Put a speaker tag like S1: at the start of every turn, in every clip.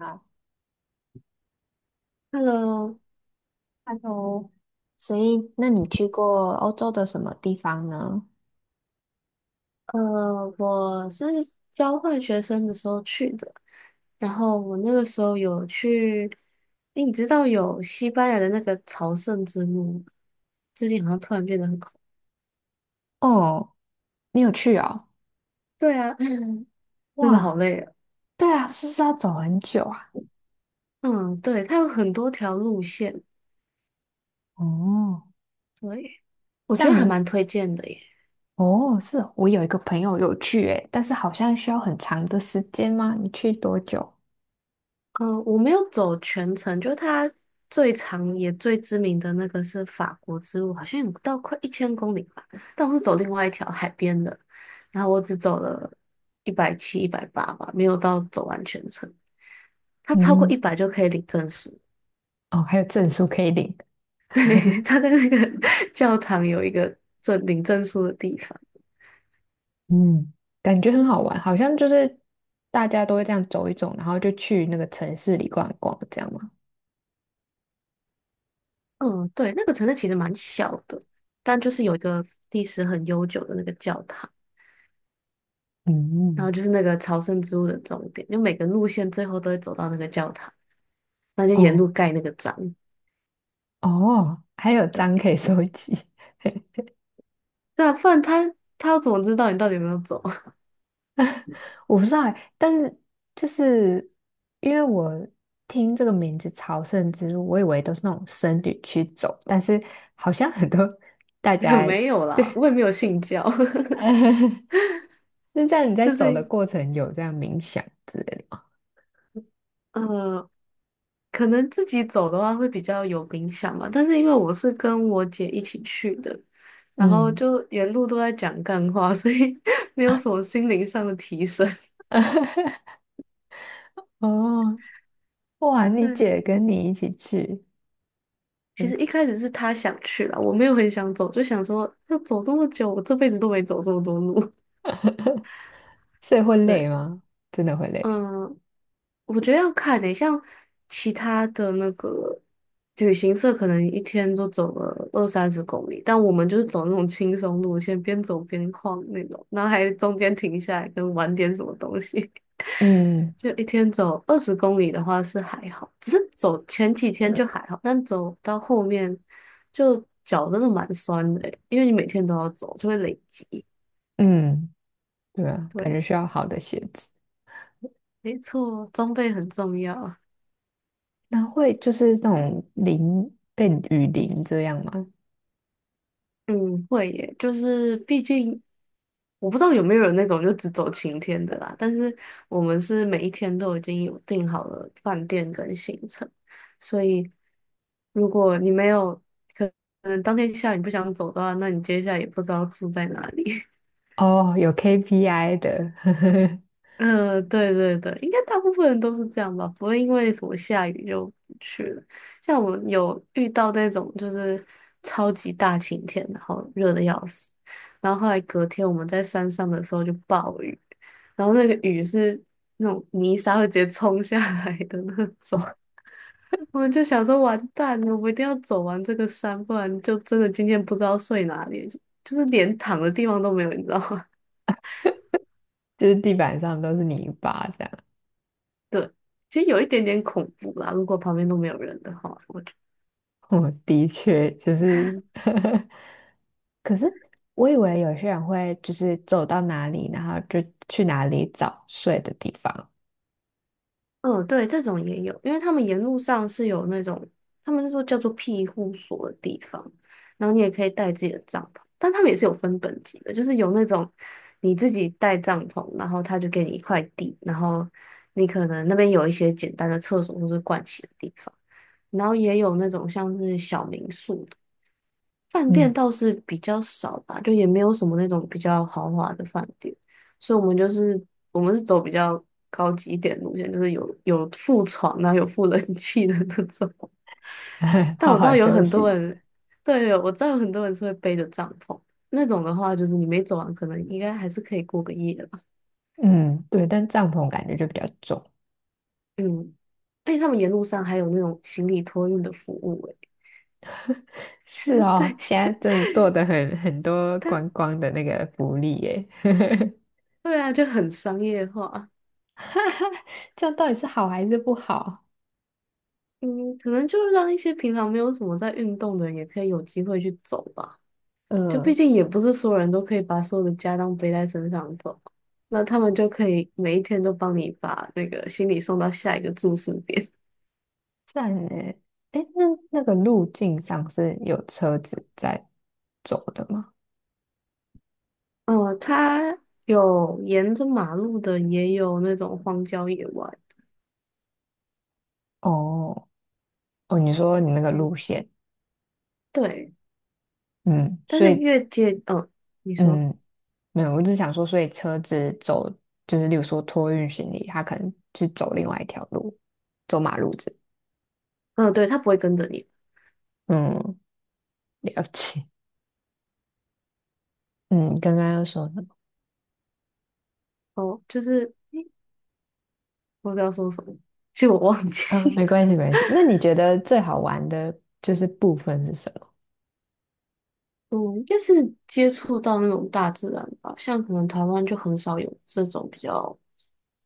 S1: 啊
S2: Hello，
S1: h e l l o 所以那你去过欧洲的什么地方呢？
S2: 我是交换学生的时候去的，然后我那个时候有去，诶，你知道有西班牙的那个朝圣之路吗？最近好像突然变得很恐，
S1: 哦，你有去哦？
S2: 对啊，真的好
S1: 哇，
S2: 累啊。
S1: 对啊，是不是要走很久啊？
S2: 嗯，对，它有很多条路线，
S1: 哦，
S2: 对，我
S1: 这
S2: 觉
S1: 样
S2: 得还
S1: 你
S2: 蛮推荐的耶。
S1: 哦，是哦我有一个朋友有去诶，但是好像需要很长的时间吗？你去多久？
S2: 嗯，我没有走全程，就是它最长也最知名的那个是法国之路，好像有到快1000公里吧。但我是走另外一条海边的，然后我只走了170、180吧，没有到走完全程。它超过一
S1: 嗯。
S2: 百就可以领证书，
S1: 哦，还有证书可以领。
S2: 对，它在那个 教堂有一个领证书的地方。
S1: 嗯，感觉很好玩，好像就是大家都会这样走一走，然后就去那个城市里逛一逛，这样吗？
S2: 嗯，对，那个城市其实蛮小的，但就是有一个历史很悠久的那个教堂。然后
S1: 嗯。
S2: 就是那个朝圣之路的终点，就每个路线最后都会走到那个教堂，那就沿路
S1: 哦
S2: 盖那个章。
S1: 哦，还有章可以收集。
S2: 对啊，不然他要怎么知道你到底有没有走？
S1: 我不知道欸，但是就是因为我听这个名字"朝圣之路"，我以为都是那种僧侣去走，但是好像很多大
S2: 也
S1: 家，
S2: 没有啦，我也
S1: 对。
S2: 没有信教，
S1: 那这样你 在
S2: 就
S1: 走的
S2: 是
S1: 过程有这样冥想之类的吗？
S2: 呃，可能自己走的话会比较有冥想吧。但是因为我是跟我姐一起去的，然后
S1: 嗯。
S2: 就沿路都在讲干话，所以 没有什么心灵上的提升。
S1: 哦，哇，你
S2: 对啊，
S1: 姐跟你一起去。
S2: 其实一
S1: 嗯，
S2: 开始是他想去啦，我没有很想走，就想说要走这么久，我这辈子都没走这么多路。
S1: 所以会累
S2: 对。
S1: 吗？真的会累。
S2: 嗯，我觉得要看诶，像其他的那个旅行社，可能一天都走了二三十公里，但我们就是走那种轻松路线，边走边晃那种，然后还中间停下来跟玩点什么东西。
S1: 嗯。
S2: 就一天走20公里的话是还好，只是走前几天就还好，但走到后面就脚真的蛮酸的诶因为你每天都要走，就会累积。
S1: 嗯，对啊，感觉
S2: 对，
S1: 需要好的鞋子。
S2: 没错，装备很重要。
S1: 那会就是那种淋被雨淋这样吗？
S2: 嗯，会耶，就是毕竟我不知道有没有人那种就只走晴天的啦，但是我们是每一天都已经有订好了饭店跟行程，所以如果你没有可能当天下雨不想走的话，那你接下来也不知道住在哪里。
S1: 哦，有 KPI 的。
S2: 嗯，对对对，应该大部分人都是这样吧，不会因为什么下雨就不去了。像我们有遇到那种就是超级大晴天，然后热的要死，然后后来隔天我们在山上的时候就暴雨，然后那个雨是那种泥沙会直接冲下来的那种，我们就想说完蛋了，我们一定要走完这个山，不然就真的今天不知道睡哪里，就是连躺的地方都没有，你知道吗？
S1: 就是地板上都是泥巴这样。
S2: 其实有一点点恐怖啦，如果旁边都没有人的话。
S1: 我的确就是 可是我以为有些人会就是走到哪里，然后就去哪里找睡的地方。
S2: 嗯，对，这种也有，因为他们沿路上是有那种，他们是说叫做庇护所的地方，然后你也可以带自己的帐篷，但他们也是有分等级的，就是有那种你自己带帐篷，然后他就给你一块地，然后你可能那边有一些简单的厕所或是盥洗的地方，然后也有那种像是小民宿的饭店
S1: 嗯。
S2: 倒是比较少吧，就也没有什么那种比较豪华的饭店，所以我们就是我们是走比较高级一点路线，就是有附床啊，有附冷气的那种。但
S1: 好
S2: 我知
S1: 好
S2: 道有
S1: 休
S2: 很多
S1: 息。
S2: 人，对，我知道有很多人是会背着帐篷，那种的话就是你没走完，可能应该还是可以过个夜吧。
S1: 嗯，对，但帐篷感觉就比较重。
S2: 嗯，而且他们沿路上还有那种行李托运的服务、欸，
S1: 是 哦，
S2: 对，
S1: 现在真的做的很多观
S2: 他
S1: 光的那个福利耶。
S2: 对啊，就很商业化。
S1: 哈哈，这样到底是好还是不好？
S2: 嗯，可能就让一些平常没有什么在运动的人，也可以有机会去走吧。就毕
S1: 嗯。
S2: 竟也不是所有人都可以把所有的家当背在身上走，那他们就可以每一天都帮你把那个行李送到下一个住宿点。
S1: 站呢，诶，那那个路径上是有车子在走的吗？
S2: 哦，它有沿着马路的，也有那种荒郊野外。
S1: 哦。哦，你说你那个
S2: 嗯，
S1: 路线。
S2: 对，
S1: 嗯，
S2: 但
S1: 所
S2: 是
S1: 以
S2: 越界，嗯，你说，
S1: 嗯，没有，我只想说，所以车子走就是，例如说托运行李，他可能去走另外一条路，走马路子。
S2: 嗯，对，它不会跟着你。
S1: 嗯，了解。嗯，刚刚要说什么？
S2: 哦，就是，诶我不知道说什么，其实我忘记。
S1: 啊，没关系，没关系。那你觉得最好玩的就是部分是什么？
S2: 嗯，应该是接触到那种大自然吧，像可能台湾就很少有这种比较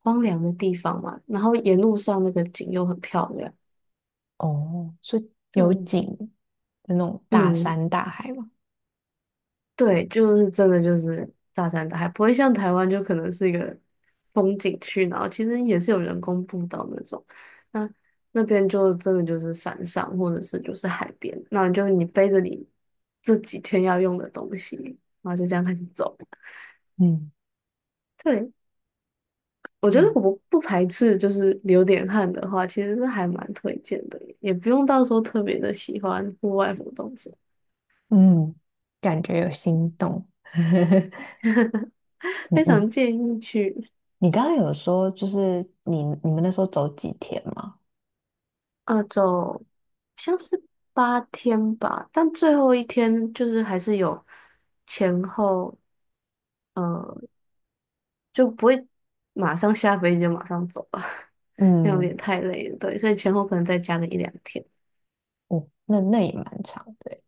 S2: 荒凉的地方嘛，然后沿路上那个景又很漂亮。
S1: 哦，是有
S2: 对。
S1: 景的那种大
S2: 嗯，
S1: 山大海吗？
S2: 对，就是真的就是大山大海，不会像台湾就可能是一个风景区，然后其实也是有人工步道那种，那那边就真的就是山上或者是就是海边，那你就你背着你这几天要用的东西，然后就这样开始走。
S1: 嗯
S2: 对。我觉得
S1: 嗯。
S2: 我不排斥，就是流点汗的话，其实是还蛮推荐的，也不用到时候特别的喜欢户外活动什么，
S1: 嗯，感觉有心动。你
S2: 非
S1: 你
S2: 常建议去。
S1: 你刚刚有说，就是你们那时候走几天吗？
S2: 啊走，像是8天吧，但最后一天就是还是有前后，呃，就不会马上下飞机就马上走了，这样有
S1: 嗯。
S2: 点太累了，对，所以前后可能再加个一两天，
S1: 哦，那那也蛮长的欸。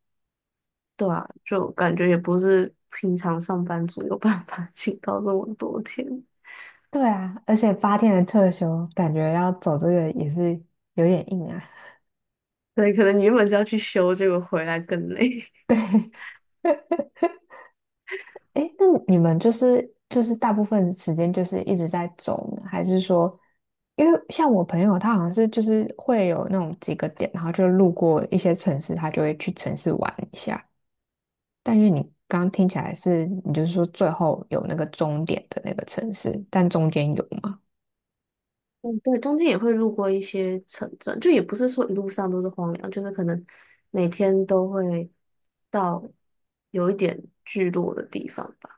S2: 对啊，就感觉也不是平常上班族有办法 请到这么多天。
S1: 对啊，而且八天的特休，感觉要走这个也是有点硬啊。
S2: 对，可能你原本是要去修，结果回来更累。
S1: 诶，那你们就是大部分时间就是一直在走呢，还是说，因为像我朋友他好像是就是会有那种几个点，然后就路过一些城市，他就会去城市玩一下。但是你刚刚听起来是，你就是说最后有那个终点的那个城市，但中间有吗？
S2: 嗯，对，中间也会路过一些城镇，就也不是说一路上都是荒凉，就是可能每天都会到有一点聚落的地方吧。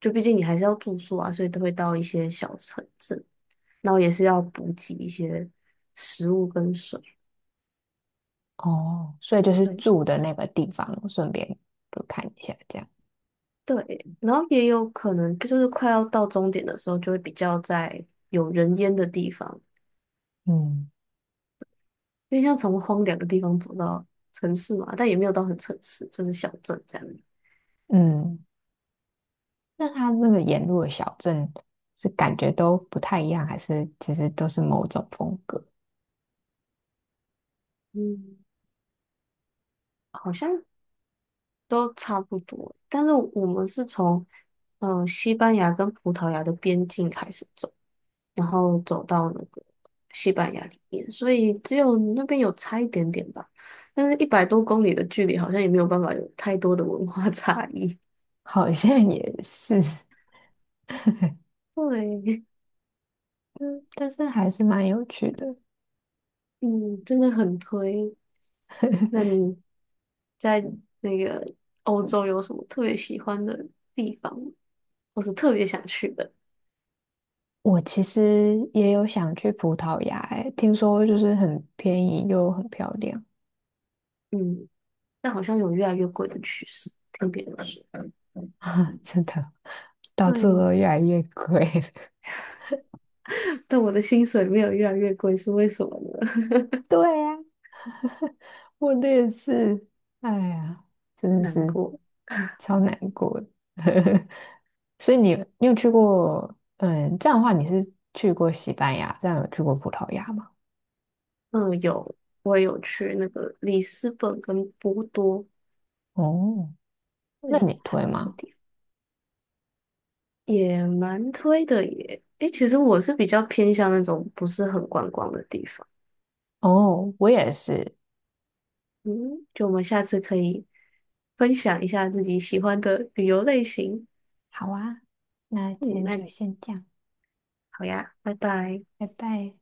S2: 就毕竟你还是要住宿啊，所以都会到一些小城镇，然后也是要补给一些食物跟水。
S1: 哦，所以就是
S2: 对
S1: 住的那个地方，顺便就看一下这样。
S2: 对，然后也有可能就是快要到终点的时候，就会比较在有人烟的地方，
S1: 嗯。
S2: 因为像从荒凉的地方走到城市嘛，但也没有到很城市，就是小镇这样。
S1: 嗯，那它那个沿路的小镇是感觉都不太一样，还是其实都是某种风格？
S2: 嗯，好像都差不多，但是我们是从西班牙跟葡萄牙的边境开始走，然后走到那个西班牙里面，所以只有那边有差一点点吧，但是100多公里的距离好像也没有办法有太多的文化 差异。
S1: 好像也是。
S2: 对。
S1: 嗯，但是还是蛮有趣的。
S2: 嗯，真的很推。那你在那个欧洲有什么特别喜欢的地方吗，或是特别想去的？
S1: 我其实也有想去葡萄牙，欸，听说就是很便宜又很漂亮。
S2: 嗯，但好像有越来越贵的趋势，听别人说，
S1: 真的，到处
S2: 对，
S1: 都越来越贵。
S2: 但我的薪水没有越来越贵，是为什么呢？
S1: 对呀。我的也是，哎呀，真的
S2: 难
S1: 是
S2: 过。
S1: 超难过的。所以你，你有去过？嗯，这样的话，你是去过西班牙，这样有去过葡萄牙吗？
S2: 嗯，有，我也有去那个里斯本跟波多，
S1: 哦，那
S2: 对，
S1: 你
S2: 还
S1: 推
S2: 不错
S1: 吗？
S2: 地方，也蛮推的耶。诶，其实我是比较偏向那种不是很观光的地方。
S1: 哦，我也是。
S2: 嗯，就我们下次可以分享一下自己喜欢的旅游类型。
S1: 好啊，那今
S2: 嗯，
S1: 天
S2: 那
S1: 就先这样，
S2: 好呀，拜拜。
S1: 拜拜。